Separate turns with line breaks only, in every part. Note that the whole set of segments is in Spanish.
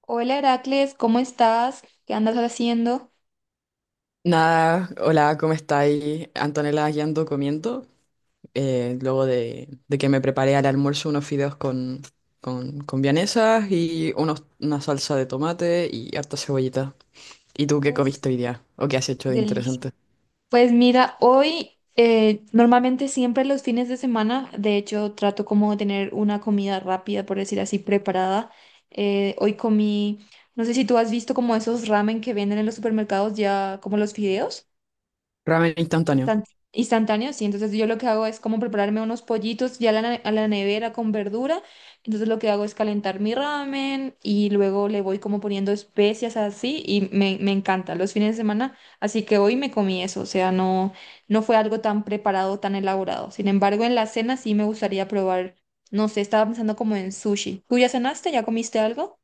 Hola Heracles, ¿cómo estás? ¿Qué andas haciendo?
Nada, hola, ¿cómo estáis? Antonella, aquí ando comiendo. Luego de que me preparé al almuerzo unos fideos con vienesas y una salsa de tomate y harta cebollita. ¿Y tú qué
Uf,
comiste hoy día? ¿O qué has hecho de
delicia.
interesante?
Pues mira, hoy normalmente siempre los fines de semana, de hecho trato como de tener una comida rápida, por decir así, preparada. Hoy comí, no sé si tú has visto como esos ramen que venden en los supermercados ya, como los fideos.
Ramen instantáneo.
Instant- Instantáneo, sí. Entonces yo lo que hago es como prepararme unos pollitos ya a la, a la nevera con verdura. Entonces lo que hago es calentar mi ramen y luego le voy como poniendo especias así y me encanta los fines de semana. Así que hoy me comí eso, o sea, no fue algo tan preparado, tan elaborado. Sin embargo, en la cena sí me gustaría probar, no sé, estaba pensando como en sushi. ¿Tú ya cenaste? ¿Ya comiste algo?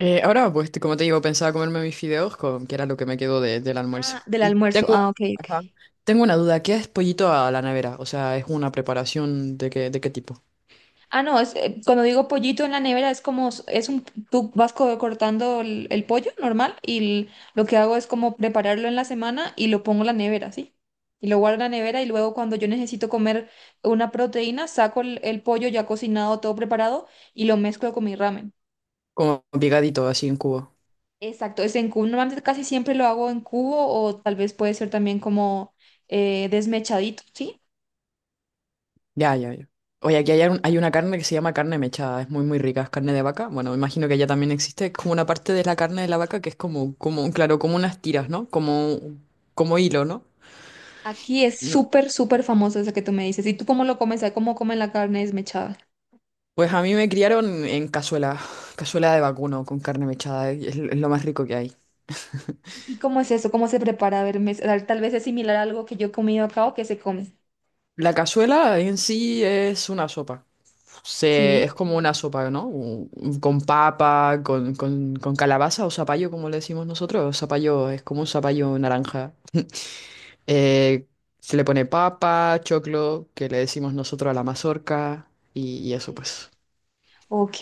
Ahora, pues, como te digo, pensaba comerme mis fideos, con, que era lo que me quedó del almuerzo.
Ah, del
Y
almuerzo. Ah,
tengo,
ok, ok.
ajá, tengo una duda, ¿qué es pollito a la nevera? O sea, ¿es una preparación de qué tipo?
Ah, no, cuando digo pollito en la nevera es como, es un, tú vas cortando el pollo normal y lo que hago es como prepararlo en la semana y lo pongo en la nevera, ¿sí? Y lo guardo en la nevera y luego cuando yo necesito comer una proteína, saco el pollo ya cocinado, todo preparado y lo mezclo con mi ramen.
Como picadito, así en cubo.
Exacto, es en cubo. Normalmente casi siempre lo hago en cubo o tal vez puede ser también como desmechadito, ¿sí?
Ya, ya, ya. Oye, aquí hay, hay una carne que se llama carne mechada, es muy, muy rica, es carne de vaca. Bueno, imagino que allá también existe, es como una parte de la carne de la vaca que es como, como, claro, como unas tiras, ¿no? Como, como hilo, ¿no?
Aquí es
No,
súper, súper famoso eso que tú me dices. ¿Y tú cómo lo comes? ¿Cómo comen la carne desmechada?
pues a mí me criaron en cazuela, cazuela de vacuno con carne mechada, es lo más rico que hay.
¿Y cómo es eso? ¿Cómo se prepara? A ver, tal vez es similar a algo que yo he comido acá o que se come.
La cazuela en sí es una sopa, se,
Sí.
es como una sopa, ¿no? Con papa, con calabaza o zapallo, como le decimos nosotros, zapallo, es como un zapallo naranja. Eh, Se le pone papa, choclo, que le decimos nosotros a la mazorca, y eso pues.
Ok,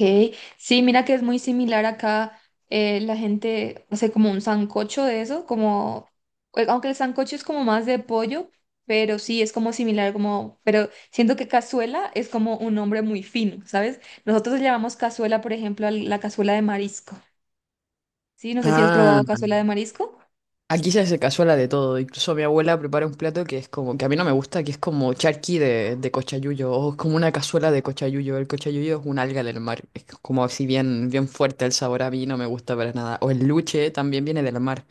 sí, mira que es muy similar acá. Eh, la gente hace como un sancocho de eso, como, aunque el sancocho es como más de pollo, pero sí es como similar, como, pero siento que cazuela es como un nombre muy fino, ¿sabes? Nosotros le llamamos cazuela, por ejemplo, a la cazuela de marisco. Sí, no sé si has
Ah,
probado cazuela de marisco.
aquí se hace cazuela de todo. Incluso mi abuela prepara un plato que es como, que a mí no me gusta, que es como charqui de cochayuyo, o es como una cazuela de cochayuyo. El cochayuyo es un alga del mar, es como así bien, bien fuerte el sabor, a mí no me gusta para nada. O el luche también viene del mar,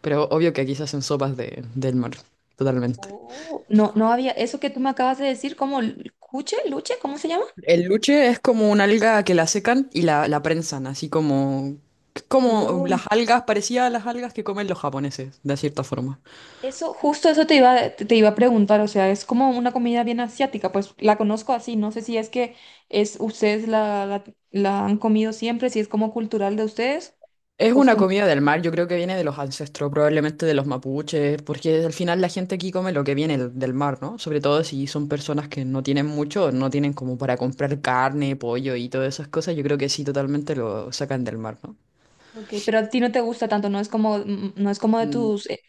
pero obvio que aquí se hacen sopas de, del mar, totalmente.
Oh, no, no había, eso que tú me acabas de decir, ¿cómo? ¿Cuche? ¿Luche? ¿Cómo se llama?
El luche es como una alga que la secan y la prensan, así como, como
Wow.
las algas, parecía a las algas que comen los japoneses, de cierta forma.
Eso, justo eso te iba a preguntar, o sea, es como una comida bien asiática, pues la conozco así, no sé si es que es, la, la han comido siempre, si es como cultural de ustedes,
Es una
costumbre,
comida del mar, yo creo que viene de los ancestros, probablemente de los mapuches, porque al final la gente aquí come lo que viene del mar, ¿no? Sobre todo si son personas que no tienen mucho, no tienen como para comprar carne, pollo y todas esas cosas, yo creo que sí, totalmente lo sacan del mar, ¿no?
ok, pero a ti no te gusta tanto, no es como, mm, no es como de
Mm,
tus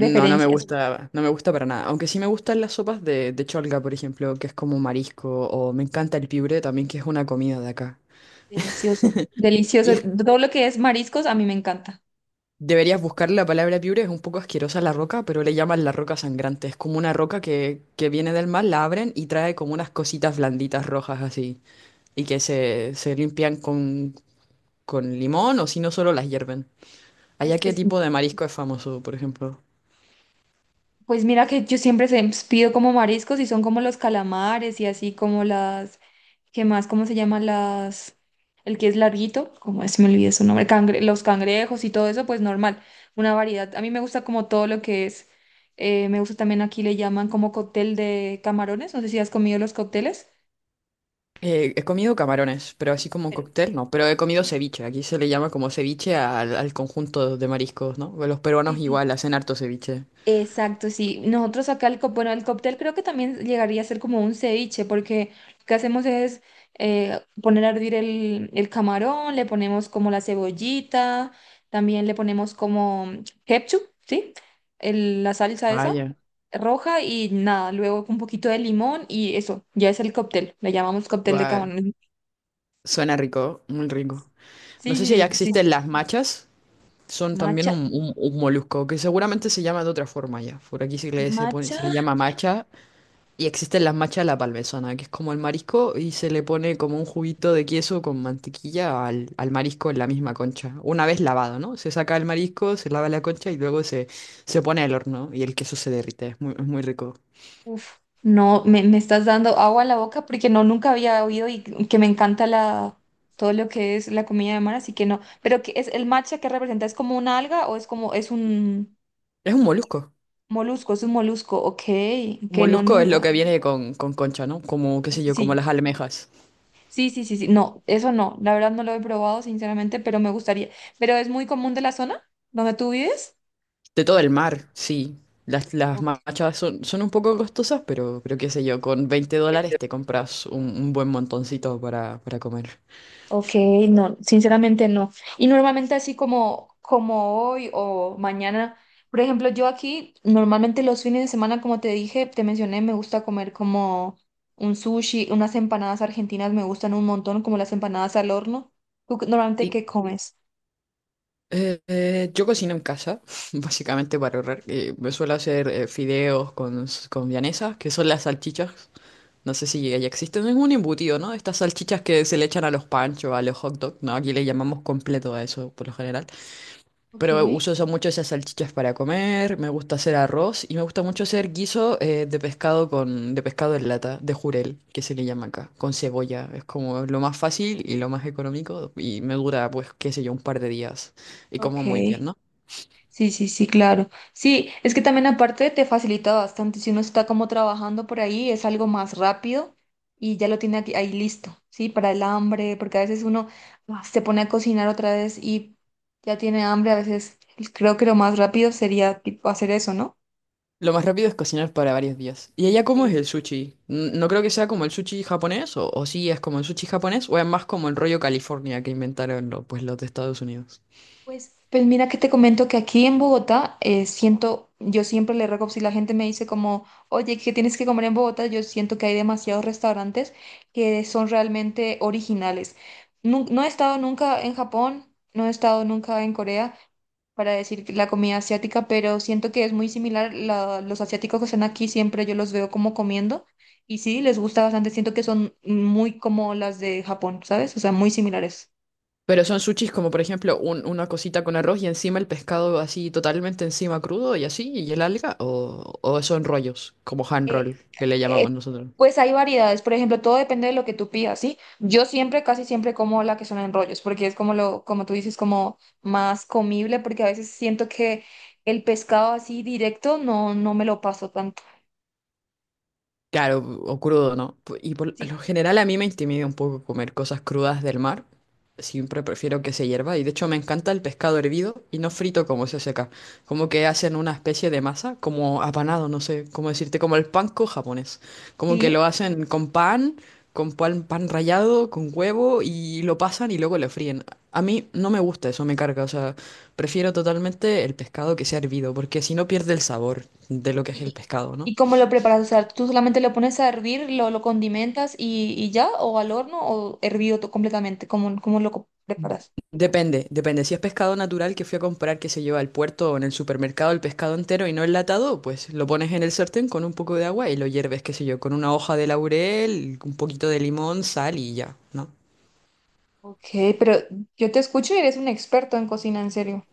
no, no me gusta, no me gusta para nada. Aunque sí me gustan las sopas de cholga, por ejemplo, que es como marisco, o me encanta el piure también, que es una comida de acá.
Delicioso,
Y
delicioso,
es-
todo lo que es mariscos a mí me encanta.
Deberías buscar la palabra piure, es un poco asquerosa la roca, pero le llaman la roca sangrante. Es como una roca que viene del mar, la abren y trae como unas cositas blanditas rojas así, y que se limpian con limón o si no solo las hierven. ¿Allá qué
Es
tipo de marisco es famoso, por ejemplo?
pues mira que yo pues, pido como mariscos y son como los calamares y así como las, ¿qué más? ¿Cómo se llaman las? El que es larguito, como se me olvidó su nombre, los cangrejos y todo eso, pues normal, una variedad. A mí me gusta como todo lo que es, me gusta también aquí le llaman como cóctel de camarones, no sé si has comido los cócteles.
He comido camarones, pero así como
Pero-
cóctel, no. Pero he comido ceviche. Aquí se le llama como ceviche al conjunto de mariscos, ¿no? Los
Sí,
peruanos
sí, sí.
igual hacen harto ceviche.
Exacto, sí. Nosotros acá bueno, el cóctel creo que también llegaría a ser como un ceviche, porque lo que hacemos es poner a hervir el camarón, le ponemos como la cebollita, también le ponemos como ketchup, ¿sí? La salsa esa
Vaya.
roja y nada, luego un poquito de limón y eso, ya es el cóctel, le llamamos cóctel de
Va,
camarón.
suena rico, muy rico. No
Sí,
sé si
sí,
ya
sí, sí,
existen
sí.
las machas. Son también
Macha,
un molusco que seguramente se llama de otra forma ya. Por aquí se pone,
macha.
se le llama macha. Y existen las machas a la parmesana, que es como el marisco y se le pone como un juguito de queso con mantequilla al marisco en la misma concha. Una vez lavado, ¿no? Se saca el marisco, se lava la concha y luego se pone al horno y el queso se derrite. Es muy rico.
Uf, no, me estás dando agua a la boca porque no, nunca había oído y que me encanta la, todo lo que es la comida de mar, así que no. Pero ¿qué es el matcha que representa? ¿Es como una alga o es como, es un
Es un molusco.
molusco? Es un molusco, ok,
Un
que no,
molusco es lo
nunca.
que viene con concha, ¿no? Como, qué sé yo, como
Sí,
las almejas.
sí, sí, sí, sí, no, eso no, la verdad no lo he probado sinceramente, pero me gustaría. ¿Pero es muy común de la zona donde tú vives?
De todo el mar, sí. Las machas son, son un poco costosas, pero qué sé yo, con 20 dólares te compras un buen montoncito para comer.
Ok, no, sinceramente no. Y normalmente así como, como hoy o mañana, por ejemplo, yo aquí normalmente los fines de semana, como te dije, te mencioné, me gusta comer como un sushi, unas empanadas argentinas me gustan un montón, como las empanadas al horno. ¿Tú normalmente
¿Y,
qué comes?
Yo cocino en casa, básicamente para ahorrar. Me suelo hacer fideos con, con vienesas, que son las salchichas. No sé si ya existen. Es un embutido, ¿no? Estas salchichas que se le echan a los panchos, a los hot dogs, ¿no? Aquí le llamamos completo a eso, por lo general.
Ok,
Pero uso eso mucho, esas salchichas para comer, me gusta hacer arroz y me gusta mucho hacer guiso de pescado con, de pescado en lata, de jurel, que se le llama acá, con cebolla. Es como lo más fácil y lo más económico y me dura, pues, qué sé yo, un par de días. Y como muy
ok.
bien, ¿no?
Sí, sí, sí, claro. Sí, es que también aparte te facilita bastante. Si uno está como trabajando por ahí, es algo más rápido y ya lo tiene aquí, ahí listo, ¿sí? Para el hambre, porque a veces uno ah, se pone a cocinar otra vez y ya tiene hambre. A veces creo que lo más rápido sería tipo, hacer eso, ¿no?
Lo más rápido es cocinar para varios días. ¿Y allá cómo es el sushi? No creo que sea como el sushi japonés, o sí es como el sushi japonés, o es más como el rollo California que inventaron pues, los de Estados Unidos.
Pues mira que te comento que aquí en Bogotá siento, yo siempre le ruego, si la gente me dice como, oye, ¿qué tienes que comer en Bogotá? Yo siento que hay demasiados restaurantes que son realmente originales. No he estado nunca en Japón, no he estado nunca en Corea para decir que la comida asiática, pero siento que es muy similar. Los asiáticos que están aquí siempre yo los veo como comiendo y sí, les gusta bastante. Siento que son muy como las de Japón, ¿sabes? O sea, muy similares.
Pero son sushis como, por ejemplo, una cosita con arroz y encima el pescado así totalmente encima crudo y así, y el alga, o son rollos, como hand roll, que le
eh,
llamamos nosotros.
pues hay variedades, por ejemplo, todo depende de lo que tú pidas, ¿sí? Yo siempre, casi siempre como la que son en rollos, porque es como lo, como tú dices, como más comible, porque a veces siento que el pescado así directo no me lo paso tanto.
Claro, o crudo, ¿no? Y por
Sí,
lo general a mí me intimida un poco comer cosas crudas del mar. Siempre prefiero que se hierva. Y de hecho me encanta el pescado hervido y no frito como se hace acá. Como que hacen una especie de masa, como apanado, no sé cómo decirte, como el panko japonés. Como que
sí.
lo hacen con pan, pan rallado, con huevo y lo pasan y luego lo fríen. A mí no me gusta eso, me carga. O sea, prefiero totalmente el pescado que sea hervido, porque si no pierde el sabor de lo que es el
Y,
pescado, ¿no?
y cómo lo preparas, o sea, tú solamente lo pones a hervir, lo condimentas y ya, o al horno, o hervido completamente, ¿cómo, cómo preparas?
Depende, depende. Si es pescado natural que fui a comprar, que se lleva al puerto o en el supermercado el pescado entero y no enlatado, pues lo pones en el sartén con un poco de agua y lo hierves, qué sé yo, con una hoja de laurel, un poquito de limón, sal y ya, ¿no?
Ok, pero yo te escucho y eres un experto en cocina, en serio.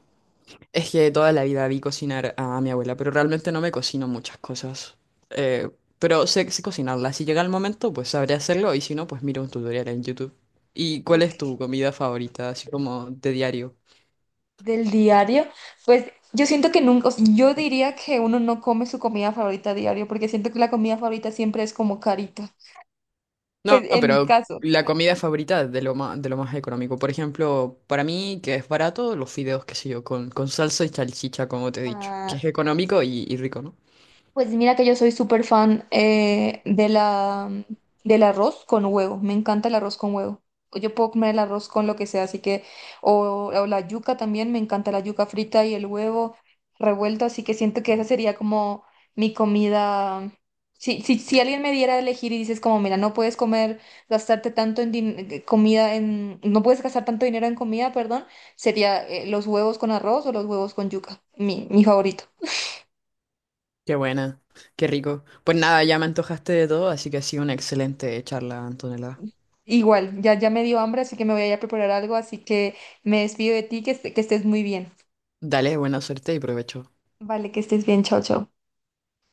Es que toda la vida vi cocinar a mi abuela, pero realmente no me cocino muchas cosas. Eh, pero sé, sé cocinarla. Si llega el momento, pues sabré hacerlo y si no, pues miro un tutorial en YouTube. ¿Y cuál es
Ok.
tu comida favorita, así como de diario?
Del diario, pues yo siento que nunca, o sea, yo diría que uno no come su comida favorita a diario, porque siento que la comida favorita siempre es como carita. Pues
No,
en mi
pero
caso,
la comida favorita de lo más económico. Por ejemplo, para mí, que es barato, los fideos, qué sé yo, con salsa y salchicha, como te he dicho.
ah,
Que es económico y rico, ¿no?
pues mira que yo soy súper fan de la, del arroz con huevo. Me encanta el arroz con huevo. Yo puedo comer el arroz con lo que sea, así que, o la yuca también, me encanta la yuca frita y el huevo revuelto, así que siento que esa sería como mi comida. Si, si, si alguien me diera a elegir y dices como, mira, no puedes comer, gastarte tanto en comida, en, no puedes gastar tanto dinero en comida, perdón, sería los huevos con arroz o los huevos con yuca, mi favorito.
Qué buena, qué rico. Pues nada, ya me antojaste de todo, así que ha sido una excelente charla, Antonella.
Igual, ya, ya me dio hambre, así que me voy a ir a preparar algo, así que me despido de ti, que, que estés muy bien.
Dale, buena suerte y provecho.
Vale, que estés bien, chao, chao.